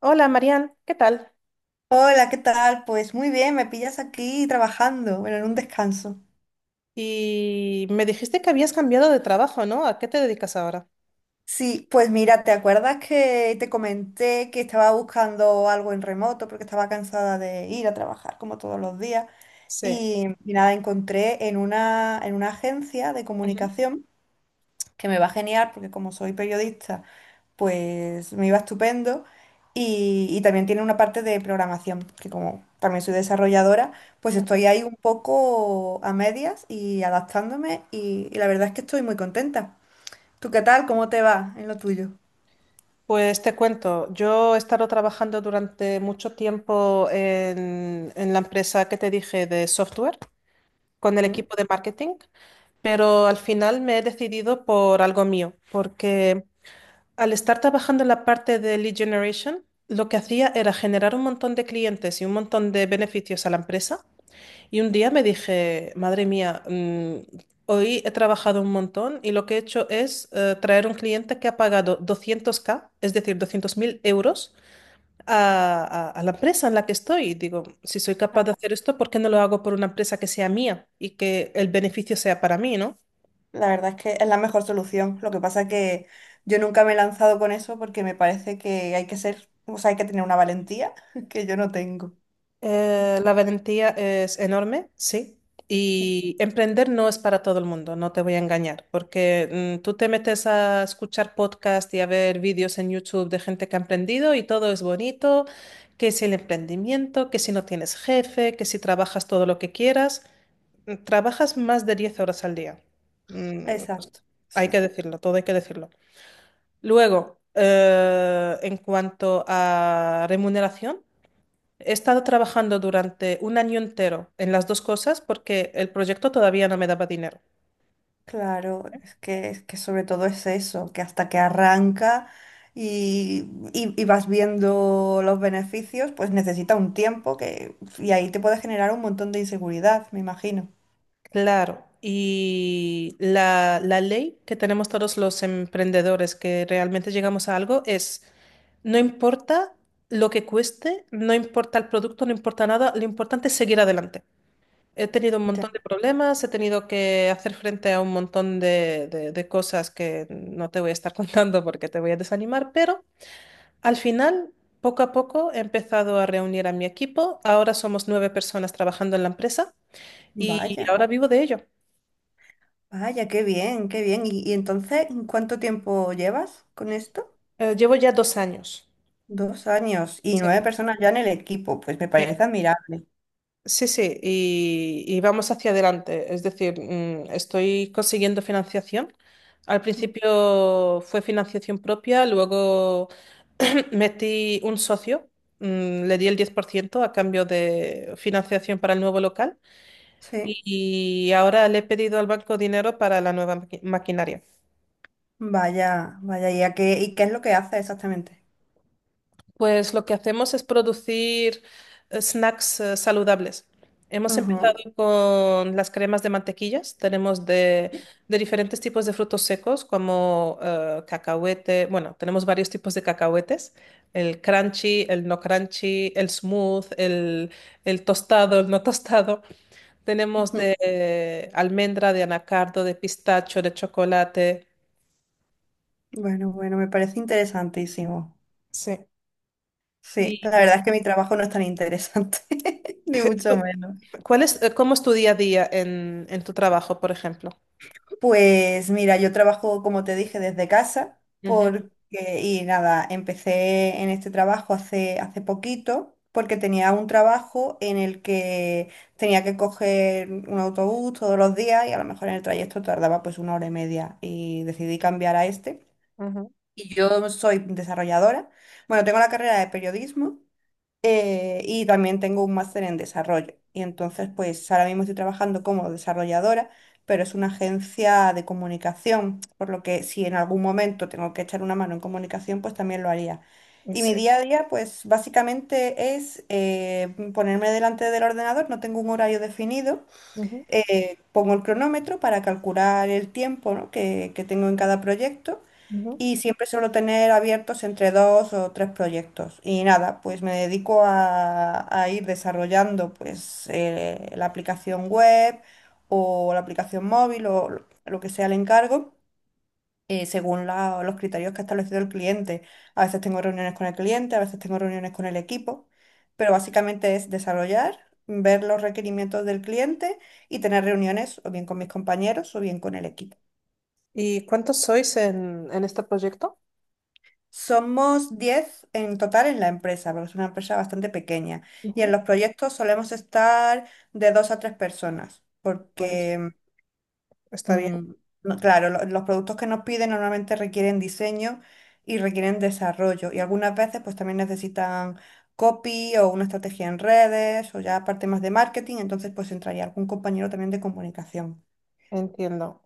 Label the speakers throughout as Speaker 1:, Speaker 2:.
Speaker 1: Hola, Marian, ¿qué tal?
Speaker 2: Hola, ¿qué tal? Pues muy bien, me pillas aquí trabajando, bueno, en un descanso.
Speaker 1: Y me dijiste que habías cambiado de trabajo, ¿no? ¿A qué te dedicas ahora?
Speaker 2: Sí, pues mira, ¿te acuerdas que te comenté que estaba buscando algo en remoto porque estaba cansada de ir a trabajar como todos los días?
Speaker 1: Sí.
Speaker 2: Y nada, encontré en una agencia de
Speaker 1: Ujú.
Speaker 2: comunicación que me va genial porque como soy periodista, pues me iba estupendo. Y también tiene una parte de programación, que como también soy desarrolladora, pues estoy ahí un poco a medias y adaptándome y la verdad es que estoy muy contenta. ¿Tú qué tal? ¿Cómo te va en lo tuyo?
Speaker 1: Pues te cuento, yo he estado trabajando durante mucho tiempo en la empresa que te dije de software, con el
Speaker 2: Ujú.
Speaker 1: equipo de marketing, pero al final me he decidido por algo mío, porque al estar trabajando en la parte de lead generation, lo que hacía era generar un montón de clientes y un montón de beneficios a la empresa. Y un día me dije, madre mía, hoy he trabajado un montón y lo que he hecho es traer un cliente que ha pagado 200k, es decir, 200.000 euros a la empresa en la que estoy. Y digo, si soy capaz de hacer esto, ¿por qué no lo hago por una empresa que sea mía y que el beneficio sea para mí, ¿no?
Speaker 2: La verdad es que es la mejor solución. Lo que pasa que yo nunca me he lanzado con eso porque me parece que hay que ser, o sea, hay que tener una valentía que yo no tengo.
Speaker 1: La valentía es enorme, sí. Y emprender no es para todo el mundo, no te voy a engañar, porque tú te metes a escuchar podcast y a ver vídeos en YouTube de gente que ha emprendido y todo es bonito, que si el emprendimiento, que si no tienes jefe, que si trabajas todo lo que quieras. Trabajas más de 10 horas al día. Pues
Speaker 2: Exacto,
Speaker 1: hay que
Speaker 2: sí.
Speaker 1: decirlo, todo hay que decirlo. Luego, en cuanto a remuneración. He estado trabajando durante un año entero en las dos cosas porque el proyecto todavía no me daba dinero.
Speaker 2: Claro, es que sobre todo es eso, que hasta que arranca y vas viendo los beneficios, pues necesita un tiempo que, y ahí te puede generar un montón de inseguridad, me imagino.
Speaker 1: Claro, y la ley que tenemos todos los emprendedores que realmente llegamos a algo es, no importa lo que cueste, no importa el producto, no importa nada, lo importante es seguir adelante. He tenido un
Speaker 2: Ya.
Speaker 1: montón de problemas, he tenido que hacer frente a un montón de, de cosas que no te voy a estar contando porque te voy a desanimar, pero... Al final, poco a poco he empezado a reunir a mi equipo. Ahora somos 9 personas trabajando en la empresa y
Speaker 2: Vaya,
Speaker 1: ahora vivo de ello.
Speaker 2: vaya, qué bien, qué bien. ¿Y entonces cuánto tiempo llevas con esto?
Speaker 1: Llevo ya 2 años.
Speaker 2: 2 años y
Speaker 1: Sí,
Speaker 2: nueve personas ya en el equipo, pues me
Speaker 1: sí,
Speaker 2: parece admirable.
Speaker 1: sí, sí, y vamos hacia adelante. Es decir, estoy consiguiendo financiación. Al principio fue financiación propia, luego metí un socio. Le di el 10% a cambio de financiación para el nuevo local.
Speaker 2: Sí,
Speaker 1: Y ahora le he pedido al banco dinero para la nueva maquinaria.
Speaker 2: vaya, vaya, ¿y qué es lo que hace exactamente?
Speaker 1: Pues lo que hacemos es producir snacks saludables. Hemos
Speaker 2: Ajá.
Speaker 1: empezado con las cremas de mantequillas. Tenemos de diferentes tipos de frutos secos como cacahuete. Bueno, tenemos varios tipos de cacahuetes. El crunchy, el no crunchy, el smooth, el tostado, el no tostado. Tenemos de almendra, de anacardo, de pistacho, de chocolate.
Speaker 2: Bueno, bueno, me parece interesantísimo.
Speaker 1: Sí.
Speaker 2: Sí, la
Speaker 1: ¿Y
Speaker 2: verdad es que mi trabajo no es tan interesante, ni mucho
Speaker 1: tú-
Speaker 2: menos.
Speaker 1: cuál es, cómo es tu día a día en tu trabajo, por ejemplo?
Speaker 2: Pues mira, yo trabajo, como te dije, desde casa,
Speaker 1: Ujú,
Speaker 2: y nada, empecé en este trabajo hace poquito, porque tenía un trabajo en el que tenía que coger un autobús todos los días y a lo mejor en el trayecto tardaba pues una hora y media y decidí cambiar a este.
Speaker 1: ujú.
Speaker 2: Y yo soy desarrolladora. Bueno, tengo la carrera de periodismo. Y también tengo un máster en desarrollo. Y entonces, pues ahora mismo estoy trabajando como desarrolladora, pero es una agencia de comunicación, por lo que si en algún momento tengo que echar una mano en comunicación, pues también lo haría. Y mi
Speaker 1: Sí.
Speaker 2: día a día, pues básicamente es ponerme delante del ordenador, no tengo un horario definido,
Speaker 1: Ujú,
Speaker 2: pongo el cronómetro para calcular el tiempo, ¿no? que tengo en cada proyecto
Speaker 1: ujú.
Speaker 2: y siempre suelo tener abiertos entre dos o tres proyectos. Y nada, pues me dedico a ir desarrollando pues la aplicación web o la aplicación móvil o lo que sea el encargo. Según los criterios que ha establecido el cliente. A veces tengo reuniones con el cliente, a veces tengo reuniones con el equipo, pero básicamente es desarrollar, ver los requerimientos del cliente y tener reuniones o bien con mis compañeros o bien con el equipo.
Speaker 1: ¿Y cuántos sois en este proyecto?
Speaker 2: Somos 10 en total en la empresa, porque es una empresa bastante pequeña. Y en
Speaker 1: Ujú.
Speaker 2: los proyectos solemos estar de dos a tres personas,
Speaker 1: Pues
Speaker 2: porque,
Speaker 1: está bien,
Speaker 2: mm, claro, los productos que nos piden normalmente requieren diseño y requieren desarrollo. Y algunas veces pues también necesitan copy o una estrategia en redes o ya parte más de marketing, entonces pues entraría algún compañero también de comunicación.
Speaker 1: entiendo.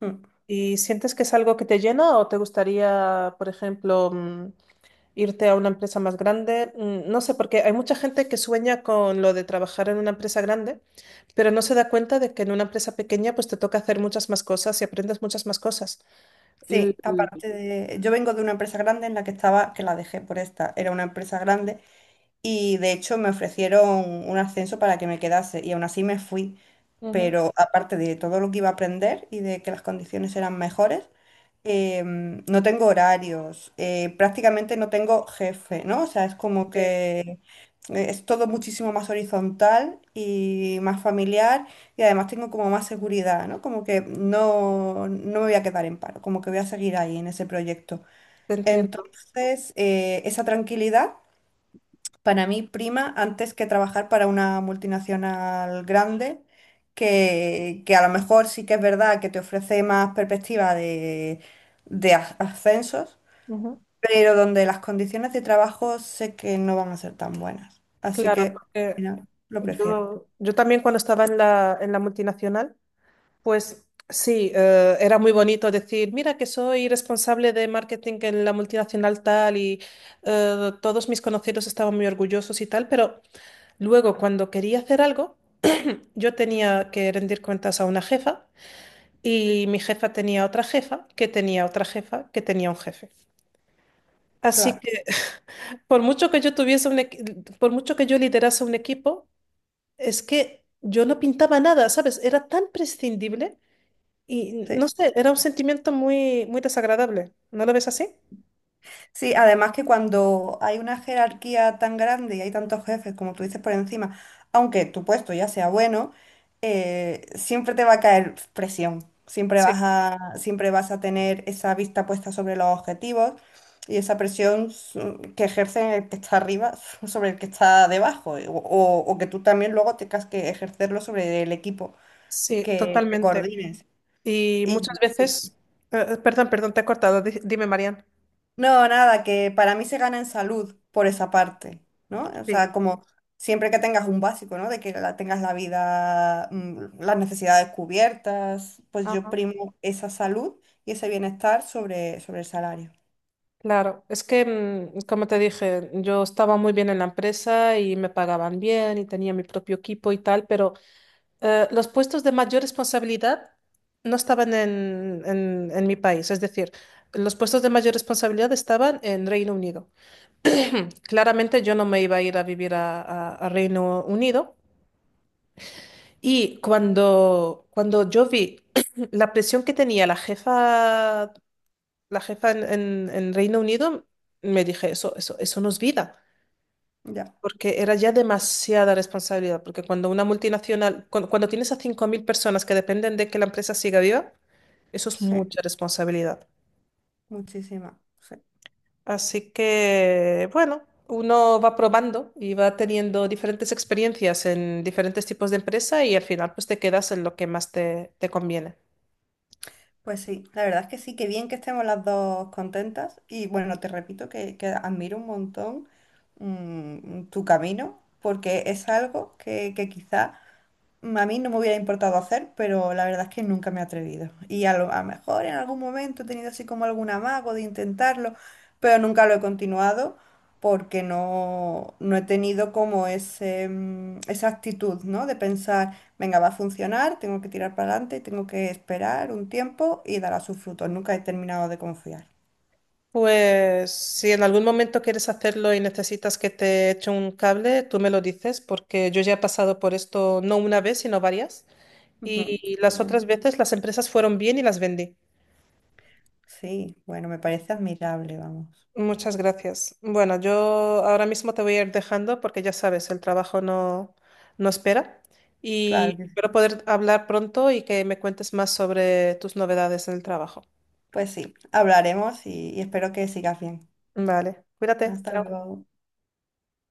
Speaker 2: Mm.
Speaker 1: ¿Y sientes que es algo que te llena o te gustaría, por ejemplo, irte a una empresa más grande? No sé, porque hay mucha gente que sueña con lo de trabajar en una empresa grande, pero no se da cuenta de que en una empresa pequeña pues te toca hacer muchas más cosas y aprendes muchas más cosas. L-
Speaker 2: Sí,
Speaker 1: l-
Speaker 2: yo vengo de una empresa grande en la que estaba, que la dejé por esta, era una empresa grande. Y de hecho me ofrecieron un ascenso para que me quedase y aún así me fui.
Speaker 1: Ujú.
Speaker 2: Pero aparte de todo lo que iba a aprender y de que las condiciones eran mejores, no tengo horarios, prácticamente no tengo jefe, ¿no? O sea, es como que es todo muchísimo más horizontal y más familiar y además tengo como más seguridad, ¿no? Como que no, no me voy a quedar en paro, como que voy a seguir ahí en ese proyecto.
Speaker 1: Te entiendo.
Speaker 2: Entonces, esa tranquilidad para mí prima antes que trabajar para una multinacional grande, que a lo mejor sí que es verdad que te ofrece más perspectiva de, de ascensos,
Speaker 1: Ujú.
Speaker 2: pero donde las condiciones de trabajo sé que no van a ser tan buenas. Así
Speaker 1: Claro,
Speaker 2: que,
Speaker 1: porque
Speaker 2: no, lo prefiero,
Speaker 1: yo también cuando estaba en la multinacional, pues sí, era muy bonito decir, mira que soy responsable de marketing en la multinacional tal y todos mis conocidos estaban muy orgullosos y tal, pero luego cuando quería hacer algo, yo tenía que rendir cuentas a una jefa y mi jefa tenía otra jefa, que tenía otra jefa, que tenía un jefe. Así
Speaker 2: claro.
Speaker 1: que por mucho que yo tuviese un por mucho que yo liderase un equipo, es que yo no pintaba nada, ¿sabes? Era tan prescindible y no
Speaker 2: Sí.
Speaker 1: sé, era un sentimiento muy, muy desagradable. ¿No lo ves así?
Speaker 2: Sí, además que cuando hay una jerarquía tan grande y hay tantos jefes, como tú dices por encima, aunque tu puesto ya sea bueno, siempre te va a caer presión. Siempre
Speaker 1: Sí,
Speaker 2: vas a, siempre vas a tener esa vista puesta sobre los objetivos y esa presión que ejerce el que está arriba sobre el que está debajo, o que tú también luego tengas que ejercerlo sobre el equipo
Speaker 1: sí,
Speaker 2: que
Speaker 1: totalmente.
Speaker 2: coordines.
Speaker 1: Y
Speaker 2: Y
Speaker 1: muchas
Speaker 2: sí.
Speaker 1: veces, perdón, perdón, te he cortado. Dime, Marian.
Speaker 2: No, nada, que para mí se gana en salud por esa parte, ¿no? O
Speaker 1: Sí.
Speaker 2: sea, como siempre que tengas un básico, ¿no? De que tengas la vida, las necesidades cubiertas, pues yo
Speaker 1: Ajá.
Speaker 2: primo esa salud y ese bienestar sobre el salario.
Speaker 1: Claro, es que, como te dije, yo estaba muy bien en la empresa y me pagaban bien y tenía mi propio equipo y tal, pero los puestos de mayor responsabilidad no estaban en, en mi país, es decir, los puestos de mayor responsabilidad estaban en Reino Unido. Claramente yo no me iba a ir a vivir a, a Reino Unido y cuando yo vi la presión que tenía la jefa en, en Reino Unido, me dije, eso no es vida.
Speaker 2: Ya,
Speaker 1: Porque era ya demasiada responsabilidad, porque cuando una multinacional, cuando tienes a 5.000 personas que dependen de que la empresa siga viva, eso es
Speaker 2: sí,
Speaker 1: mucha responsabilidad.
Speaker 2: muchísima. Sí.
Speaker 1: Así que, bueno, uno va probando y va teniendo diferentes experiencias en diferentes tipos de empresa y al final pues te quedas en lo que más te, te conviene.
Speaker 2: Pues sí, la verdad es que sí, que bien que estemos las dos contentas y bueno, te repito que admiro un montón tu camino porque es algo que quizá a mí no me hubiera importado hacer, pero la verdad es que nunca me he atrevido. Y a lo mejor en algún momento he tenido así como algún amago de intentarlo, pero nunca lo he continuado porque no, no he tenido como esa actitud, ¿no? De pensar, venga, va a funcionar, tengo que tirar para adelante, tengo que esperar un tiempo y dará sus frutos. Nunca he terminado de confiar.
Speaker 1: Pues si en algún momento quieres hacerlo y necesitas que te eche un cable, tú me lo dices porque yo ya he pasado por esto no una vez, sino varias.
Speaker 2: Ujú.
Speaker 1: Y
Speaker 2: Qué
Speaker 1: las
Speaker 2: bueno.
Speaker 1: otras veces las empresas fueron bien y las vendí.
Speaker 2: Sí, bueno, me parece admirable, vamos.
Speaker 1: Muchas gracias. Bueno, yo ahora mismo te voy a ir dejando porque ya sabes, el trabajo no, no espera
Speaker 2: Claro
Speaker 1: y
Speaker 2: que sí.
Speaker 1: espero poder hablar pronto y que me cuentes más sobre tus novedades en el trabajo.
Speaker 2: Pues sí, hablaremos y espero que sigas bien.
Speaker 1: Vale, cuídate.
Speaker 2: Hasta luego.